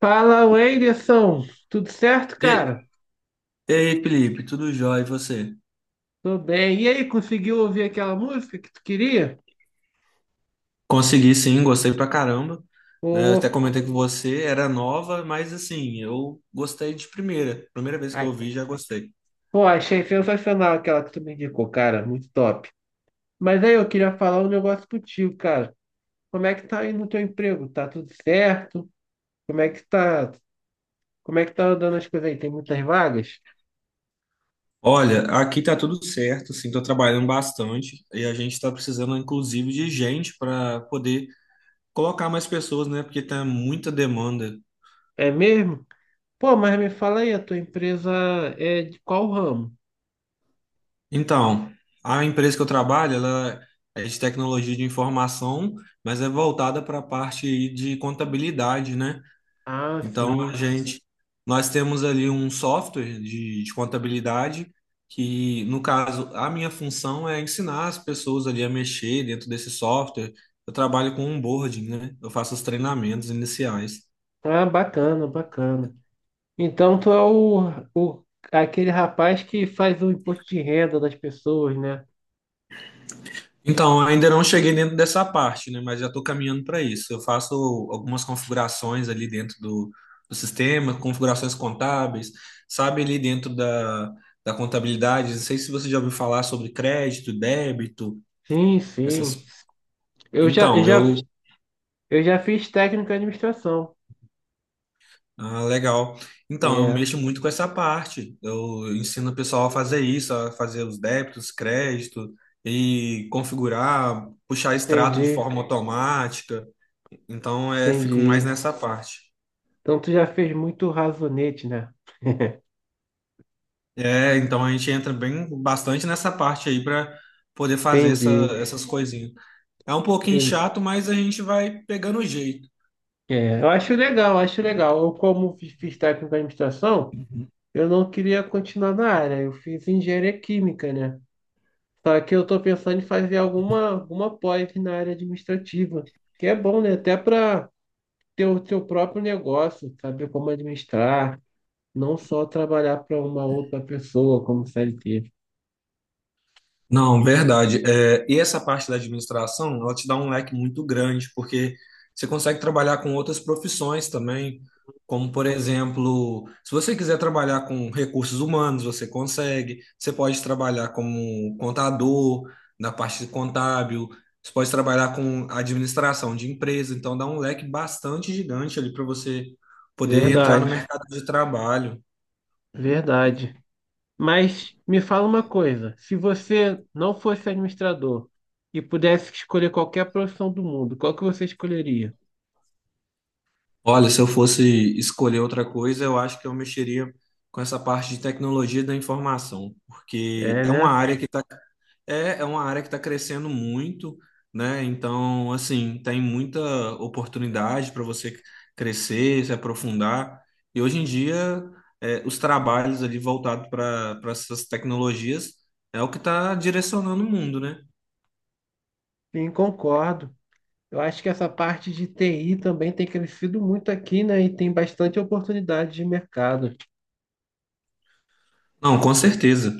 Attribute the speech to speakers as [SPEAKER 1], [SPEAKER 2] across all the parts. [SPEAKER 1] Fala, Wenderson. Tudo certo,
[SPEAKER 2] E,
[SPEAKER 1] cara?
[SPEAKER 2] e aí, Felipe, tudo jóia? E você?
[SPEAKER 1] Tô bem. E aí, conseguiu ouvir aquela música que tu queria?
[SPEAKER 2] Consegui sim, gostei pra caramba. Né? Eu
[SPEAKER 1] Pô,
[SPEAKER 2] até comentei com você, era nova, mas assim, eu gostei de primeira. Primeira vez que
[SPEAKER 1] ai,
[SPEAKER 2] eu vi, já gostei.
[SPEAKER 1] pô, achei sensacional aquela que tu me indicou, cara. Muito top. Mas aí, eu queria falar um negócio contigo, cara. Como é que tá aí no teu emprego? Tá tudo certo? Como é que tá, como é que tá andando as coisas aí? Tem muitas vagas?
[SPEAKER 2] Olha, aqui tá tudo certo, assim, tô trabalhando bastante e a gente tá precisando, inclusive, de gente para poder colocar mais pessoas, né? Porque tá muita demanda.
[SPEAKER 1] É mesmo? Pô, mas me fala aí, a tua empresa é de qual ramo?
[SPEAKER 2] Então, a empresa que eu trabalho, ela é de tecnologia de informação, mas é voltada para a parte aí de contabilidade, né?
[SPEAKER 1] Ah,
[SPEAKER 2] Então, a
[SPEAKER 1] sim.
[SPEAKER 2] gente, nós temos ali um software de contabilidade que, no caso, a minha função é ensinar as pessoas ali a mexer dentro desse software. Eu trabalho com onboarding, né? Eu faço os treinamentos iniciais.
[SPEAKER 1] Ah, bacana, bacana. Então tu é o aquele rapaz que faz o imposto de renda das pessoas, né?
[SPEAKER 2] Então, ainda não cheguei dentro dessa parte, né? Mas já estou caminhando para isso. Eu faço algumas configurações ali dentro do sistema, configurações contábeis, sabe, ali dentro da contabilidade. Não sei se você já ouviu falar sobre crédito, débito
[SPEAKER 1] Sim, sim.
[SPEAKER 2] essas
[SPEAKER 1] Eu já, eu
[SPEAKER 2] Então, eu.
[SPEAKER 1] já, eu já fiz técnico em administração.
[SPEAKER 2] Ah, legal. Então, eu
[SPEAKER 1] É,
[SPEAKER 2] mexo muito com essa parte. Eu ensino o pessoal a fazer isso, a fazer os débitos, crédito e configurar, puxar extrato de
[SPEAKER 1] entendi,
[SPEAKER 2] forma automática. Então, é, fico mais
[SPEAKER 1] entendi.
[SPEAKER 2] nessa parte.
[SPEAKER 1] Então tu já fez muito razonete, né?
[SPEAKER 2] É, então a gente entra bem bastante nessa parte aí para poder fazer essa-
[SPEAKER 1] Entendi.
[SPEAKER 2] essas coisinhas. É um pouquinho
[SPEAKER 1] En-
[SPEAKER 2] chato, mas a gente vai pegando o jeito.
[SPEAKER 1] É, eu acho legal, acho legal. Eu, como fiz técnico em administração, eu não queria continuar na área. Eu fiz engenharia química, né? Só que eu tô pensando em fazer alguma pós na área administrativa, que é bom, né? Até para ter o seu próprio negócio, saber como administrar, não só trabalhar para uma outra pessoa como CLT.
[SPEAKER 2] Não, verdade. É, e essa parte da administração, ela te dá um leque muito grande, porque você consegue trabalhar com outras profissões também, como, por exemplo, se você quiser trabalhar com recursos humanos, você consegue. Você pode trabalhar como contador, na parte contábil, você pode trabalhar com administração de empresa, então dá um leque bastante gigante ali para você poder entrar no
[SPEAKER 1] Verdade,
[SPEAKER 2] mercado de trabalho.
[SPEAKER 1] verdade. Mas me fala uma coisa, se você não fosse administrador e pudesse escolher qualquer profissão do mundo, qual que você escolheria?
[SPEAKER 2] Olha, se eu fosse escolher outra coisa, eu acho que eu mexeria com essa parte de tecnologia da informação, porque
[SPEAKER 1] É,
[SPEAKER 2] é uma
[SPEAKER 1] né?
[SPEAKER 2] área que tá, é, é uma área que está crescendo muito, né? Então, assim, tem muita oportunidade para você crescer, se aprofundar. E hoje em dia, é, os trabalhos ali voltados para essas tecnologias é o que está direcionando o mundo, né?
[SPEAKER 1] Sim, concordo. Eu acho que essa parte de TI também tem crescido muito aqui, né? E tem bastante oportunidade de mercado.
[SPEAKER 2] Não, com certeza.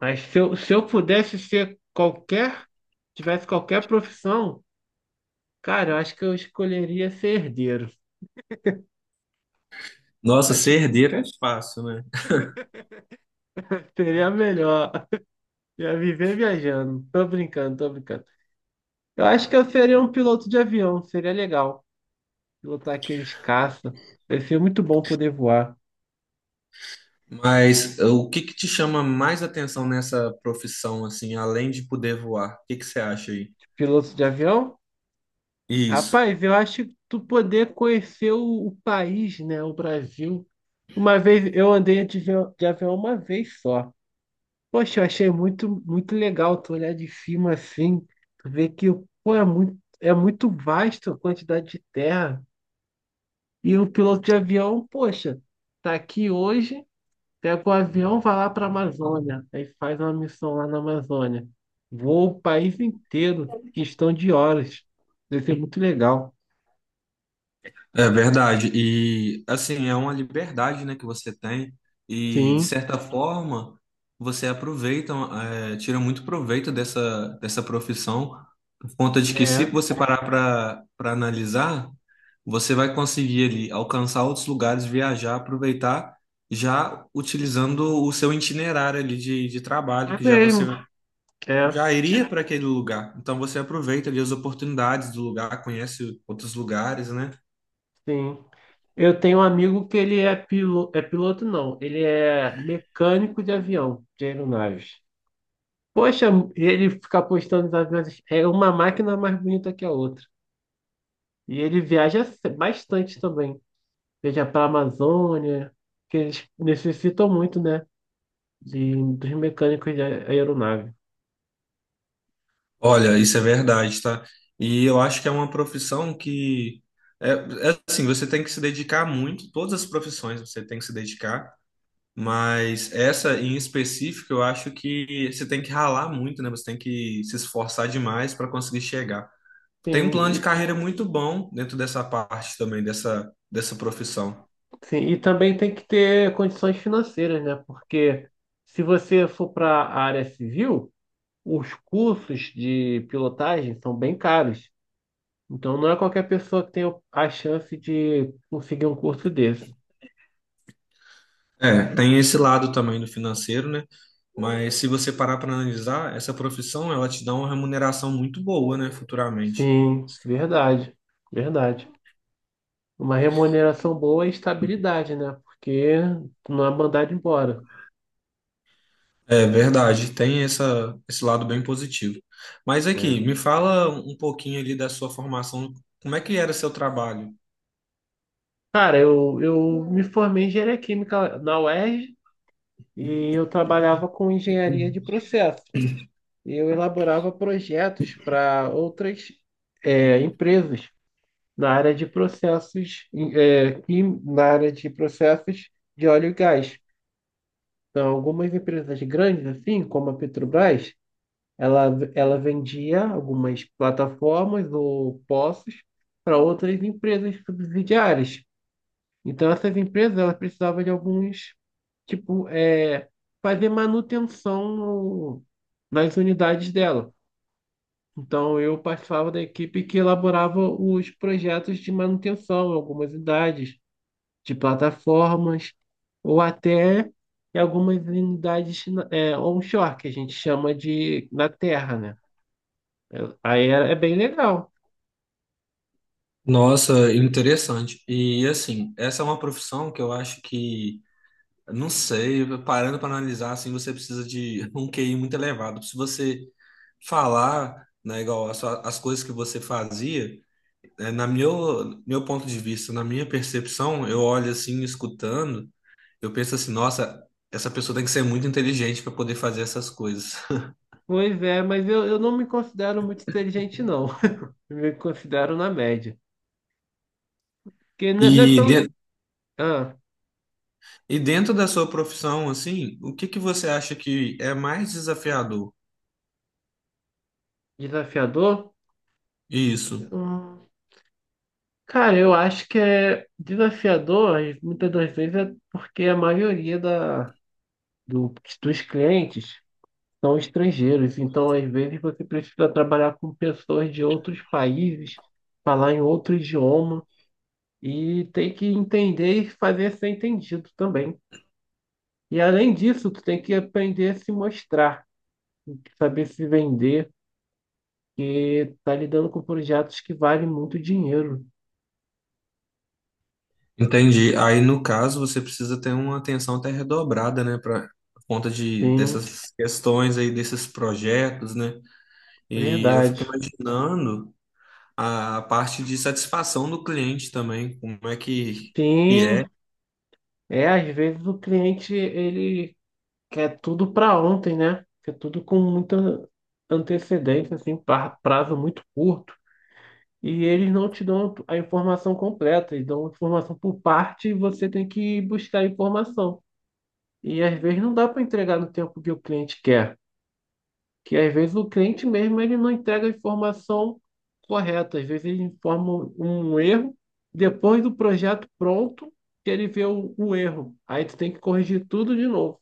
[SPEAKER 1] Mas se eu pudesse ser qualquer, tivesse qualquer profissão, cara, eu acho que eu escolheria ser herdeiro.
[SPEAKER 2] Nossa,
[SPEAKER 1] Acho
[SPEAKER 2] ser
[SPEAKER 1] que
[SPEAKER 2] herdeiro é fácil, né?
[SPEAKER 1] seria melhor. Ia viver viajando. Tô brincando. Eu acho que eu seria um piloto de avião, seria legal. Pilotar aqueles caça. Ia ser muito bom poder voar.
[SPEAKER 2] Mas o que que te chama mais atenção nessa profissão, assim, além de poder voar? O que que você acha aí?
[SPEAKER 1] Piloto de avião?
[SPEAKER 2] Isso.
[SPEAKER 1] Rapaz, eu acho que tu poder conhecer o país, né? O Brasil. Uma vez eu andei de avião uma vez só. Poxa, eu achei muito, muito legal tu olhar de cima assim, tu ver que, pô, é muito vasto a quantidade de terra. E o piloto de avião, poxa, tá aqui hoje, pega o avião, vai lá para a Amazônia, aí faz uma missão lá na Amazônia. Voa o país inteiro, questão de horas. Deve ser muito legal.
[SPEAKER 2] É verdade. E assim, é uma liberdade, né, que você tem e de
[SPEAKER 1] Sim,
[SPEAKER 2] certa forma você aproveita, é, tira muito proveito dessa profissão por conta de que se
[SPEAKER 1] é.
[SPEAKER 2] você parar para analisar, você vai conseguir ali alcançar outros lugares, viajar, aproveitar já utilizando o seu itinerário ali de trabalho
[SPEAKER 1] É
[SPEAKER 2] que já
[SPEAKER 1] mesmo,
[SPEAKER 2] você
[SPEAKER 1] é.
[SPEAKER 2] já iria para aquele lugar. Então você aproveita ali as oportunidades do lugar, conhece outros lugares, né?
[SPEAKER 1] Sim. Eu tenho um amigo que ele é piloto não, ele é mecânico de avião, de aeronaves. Poxa, ele fica postando os aviões, é uma máquina mais bonita que a outra. E ele viaja bastante também, seja para a Amazônia, que eles necessitam muito, né, dos mecânicos de aeronave.
[SPEAKER 2] Olha, isso é verdade, tá? E eu acho que é uma profissão que é, é assim, você tem que se dedicar muito, todas as profissões você tem que se dedicar, mas essa em específico eu acho que você tem que ralar muito, né? Você tem que se esforçar demais para conseguir chegar. Tem um
[SPEAKER 1] Sim,
[SPEAKER 2] plano de
[SPEAKER 1] e,
[SPEAKER 2] carreira muito bom dentro dessa parte também, dessa profissão.
[SPEAKER 1] sim, e também tem que ter condições financeiras, né, porque se você for para a área civil, os cursos de pilotagem são bem caros. Então não é qualquer pessoa que tem a chance de conseguir um curso desse.
[SPEAKER 2] É, tem esse lado também do financeiro, né? Mas se você parar para analisar, essa profissão ela te dá uma remuneração muito boa, né, futuramente.
[SPEAKER 1] Sim, verdade, verdade. Uma remuneração boa e estabilidade, né? Porque tu não é mandado embora.
[SPEAKER 2] É verdade, tem essa, esse lado bem positivo. Mas aqui,
[SPEAKER 1] Né?
[SPEAKER 2] me fala um pouquinho ali da sua formação, como é que era seu trabalho?
[SPEAKER 1] Cara, eu me formei em engenharia química na UERJ e RJ e eu trabalhava com engenharia de processo. Eu elaborava projetos para outras empresas. Na área de processos, na área de processos de óleo e gás. Então, algumas empresas grandes, assim, como a Petrobras, ela vendia algumas plataformas ou poços para outras empresas subsidiárias. Então, essas empresas, elas precisavam de alguns, tipo, é, fazer manutenção nas unidades dela. Então, eu participava da equipe que elaborava os projetos de manutenção, em algumas unidades, de plataformas, ou até em algumas unidades é, onshore, que a gente chama de na terra, né? Aí é, é bem legal.
[SPEAKER 2] Nossa, interessante. E assim, essa é uma profissão que eu acho que, não sei, parando para analisar, assim, você precisa de um QI muito elevado. Se você falar, né, igual as, sua- as coisas que você fazia, na meu, meu ponto de vista, na minha percepção, eu olho assim, escutando. Eu penso assim, nossa, essa pessoa tem que ser muito inteligente para poder fazer essas coisas.
[SPEAKER 1] Pois é, mas eu não me considero muito inteligente, não. Eu me considero na média. Porque não
[SPEAKER 2] E,
[SPEAKER 1] é, não é tão
[SPEAKER 2] de-
[SPEAKER 1] ah,
[SPEAKER 2] e dentro da sua profissão, assim, o que que você acha que é mais desafiador?
[SPEAKER 1] desafiador.
[SPEAKER 2] Isso,
[SPEAKER 1] Hum, cara, eu acho que é desafiador, e muitas das vezes, é porque a maioria do- dos clientes são estrangeiros. Então, às vezes, você precisa trabalhar com pessoas de outros países, falar em outro idioma e tem que entender e fazer ser entendido também. E além disso, tu tem que aprender a se mostrar, saber se vender, porque tu tá lidando com projetos que valem muito dinheiro.
[SPEAKER 2] entendi. Aí, no caso, você precisa ter uma atenção até redobrada, né, para conta de
[SPEAKER 1] Sim,
[SPEAKER 2] dessas questões aí, desses projetos, né? E eu fico
[SPEAKER 1] verdade.
[SPEAKER 2] imaginando a parte de satisfação do cliente também, como é que é
[SPEAKER 1] Sim, é, às vezes o cliente ele quer tudo para ontem, né? Quer tudo com muita antecedência, assim, prazo muito curto. E eles não te dão a informação completa, eles dão informação por parte e você tem que buscar a informação. E às vezes não dá para entregar no tempo que o cliente quer, que às vezes o cliente mesmo ele não entrega a informação correta, às vezes ele informa um erro depois do projeto pronto que ele vê o erro. Aí tu tem que corrigir tudo de novo.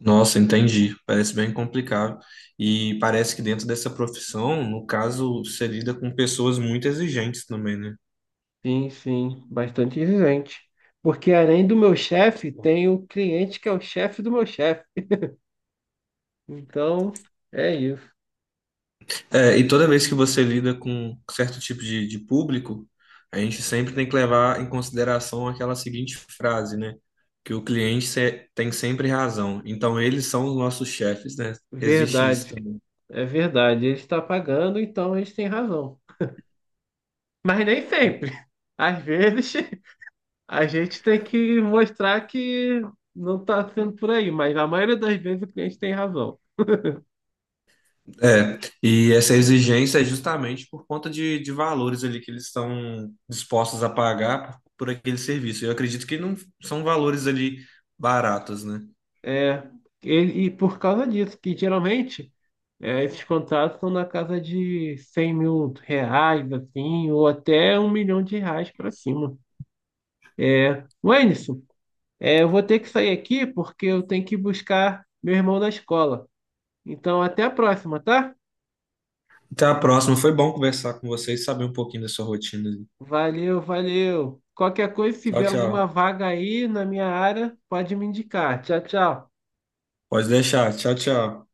[SPEAKER 2] Nossa, entendi. Parece bem complicado. E parece que dentro dessa profissão, no caso, você lida com pessoas muito exigentes também, né?
[SPEAKER 1] Sim, sim, bastante exigente. Porque além do meu chefe, tem o cliente que é o chefe do meu chefe. Então, é isso.
[SPEAKER 2] É, e toda vez que você lida com certo tipo de público, a gente sempre tem que levar em consideração aquela seguinte frase, né? Que o cliente se- tem sempre razão. Então, eles são os nossos chefes, né? Existe isso
[SPEAKER 1] Verdade,
[SPEAKER 2] também.
[SPEAKER 1] é verdade. Ele está pagando, então eles têm razão. Mas nem sempre. Às vezes a gente tem que mostrar que não está sendo por aí, mas a maioria das vezes o cliente tem razão.
[SPEAKER 2] É, e essa exigência é justamente por conta de valores ali que eles estão dispostos a pagar por aquele serviço. Eu acredito que não são valores ali baratos, né?
[SPEAKER 1] É, e por causa disso, que geralmente é, esses contratos são na casa de 100 mil reais, assim, ou até 1 milhão de reais para cima. Wenderson, é, eu vou ter que sair aqui porque eu tenho que buscar meu irmão na escola. Então, até a próxima, tá?
[SPEAKER 2] Até a próxima. Foi bom conversar com vocês, saber um pouquinho da sua rotina. Ali.
[SPEAKER 1] Valeu, valeu. Qualquer coisa, se
[SPEAKER 2] Tchau,
[SPEAKER 1] tiver alguma
[SPEAKER 2] tchau.
[SPEAKER 1] vaga aí na minha área, pode me indicar. Tchau, tchau.
[SPEAKER 2] Pode deixar. Tchau, tchau.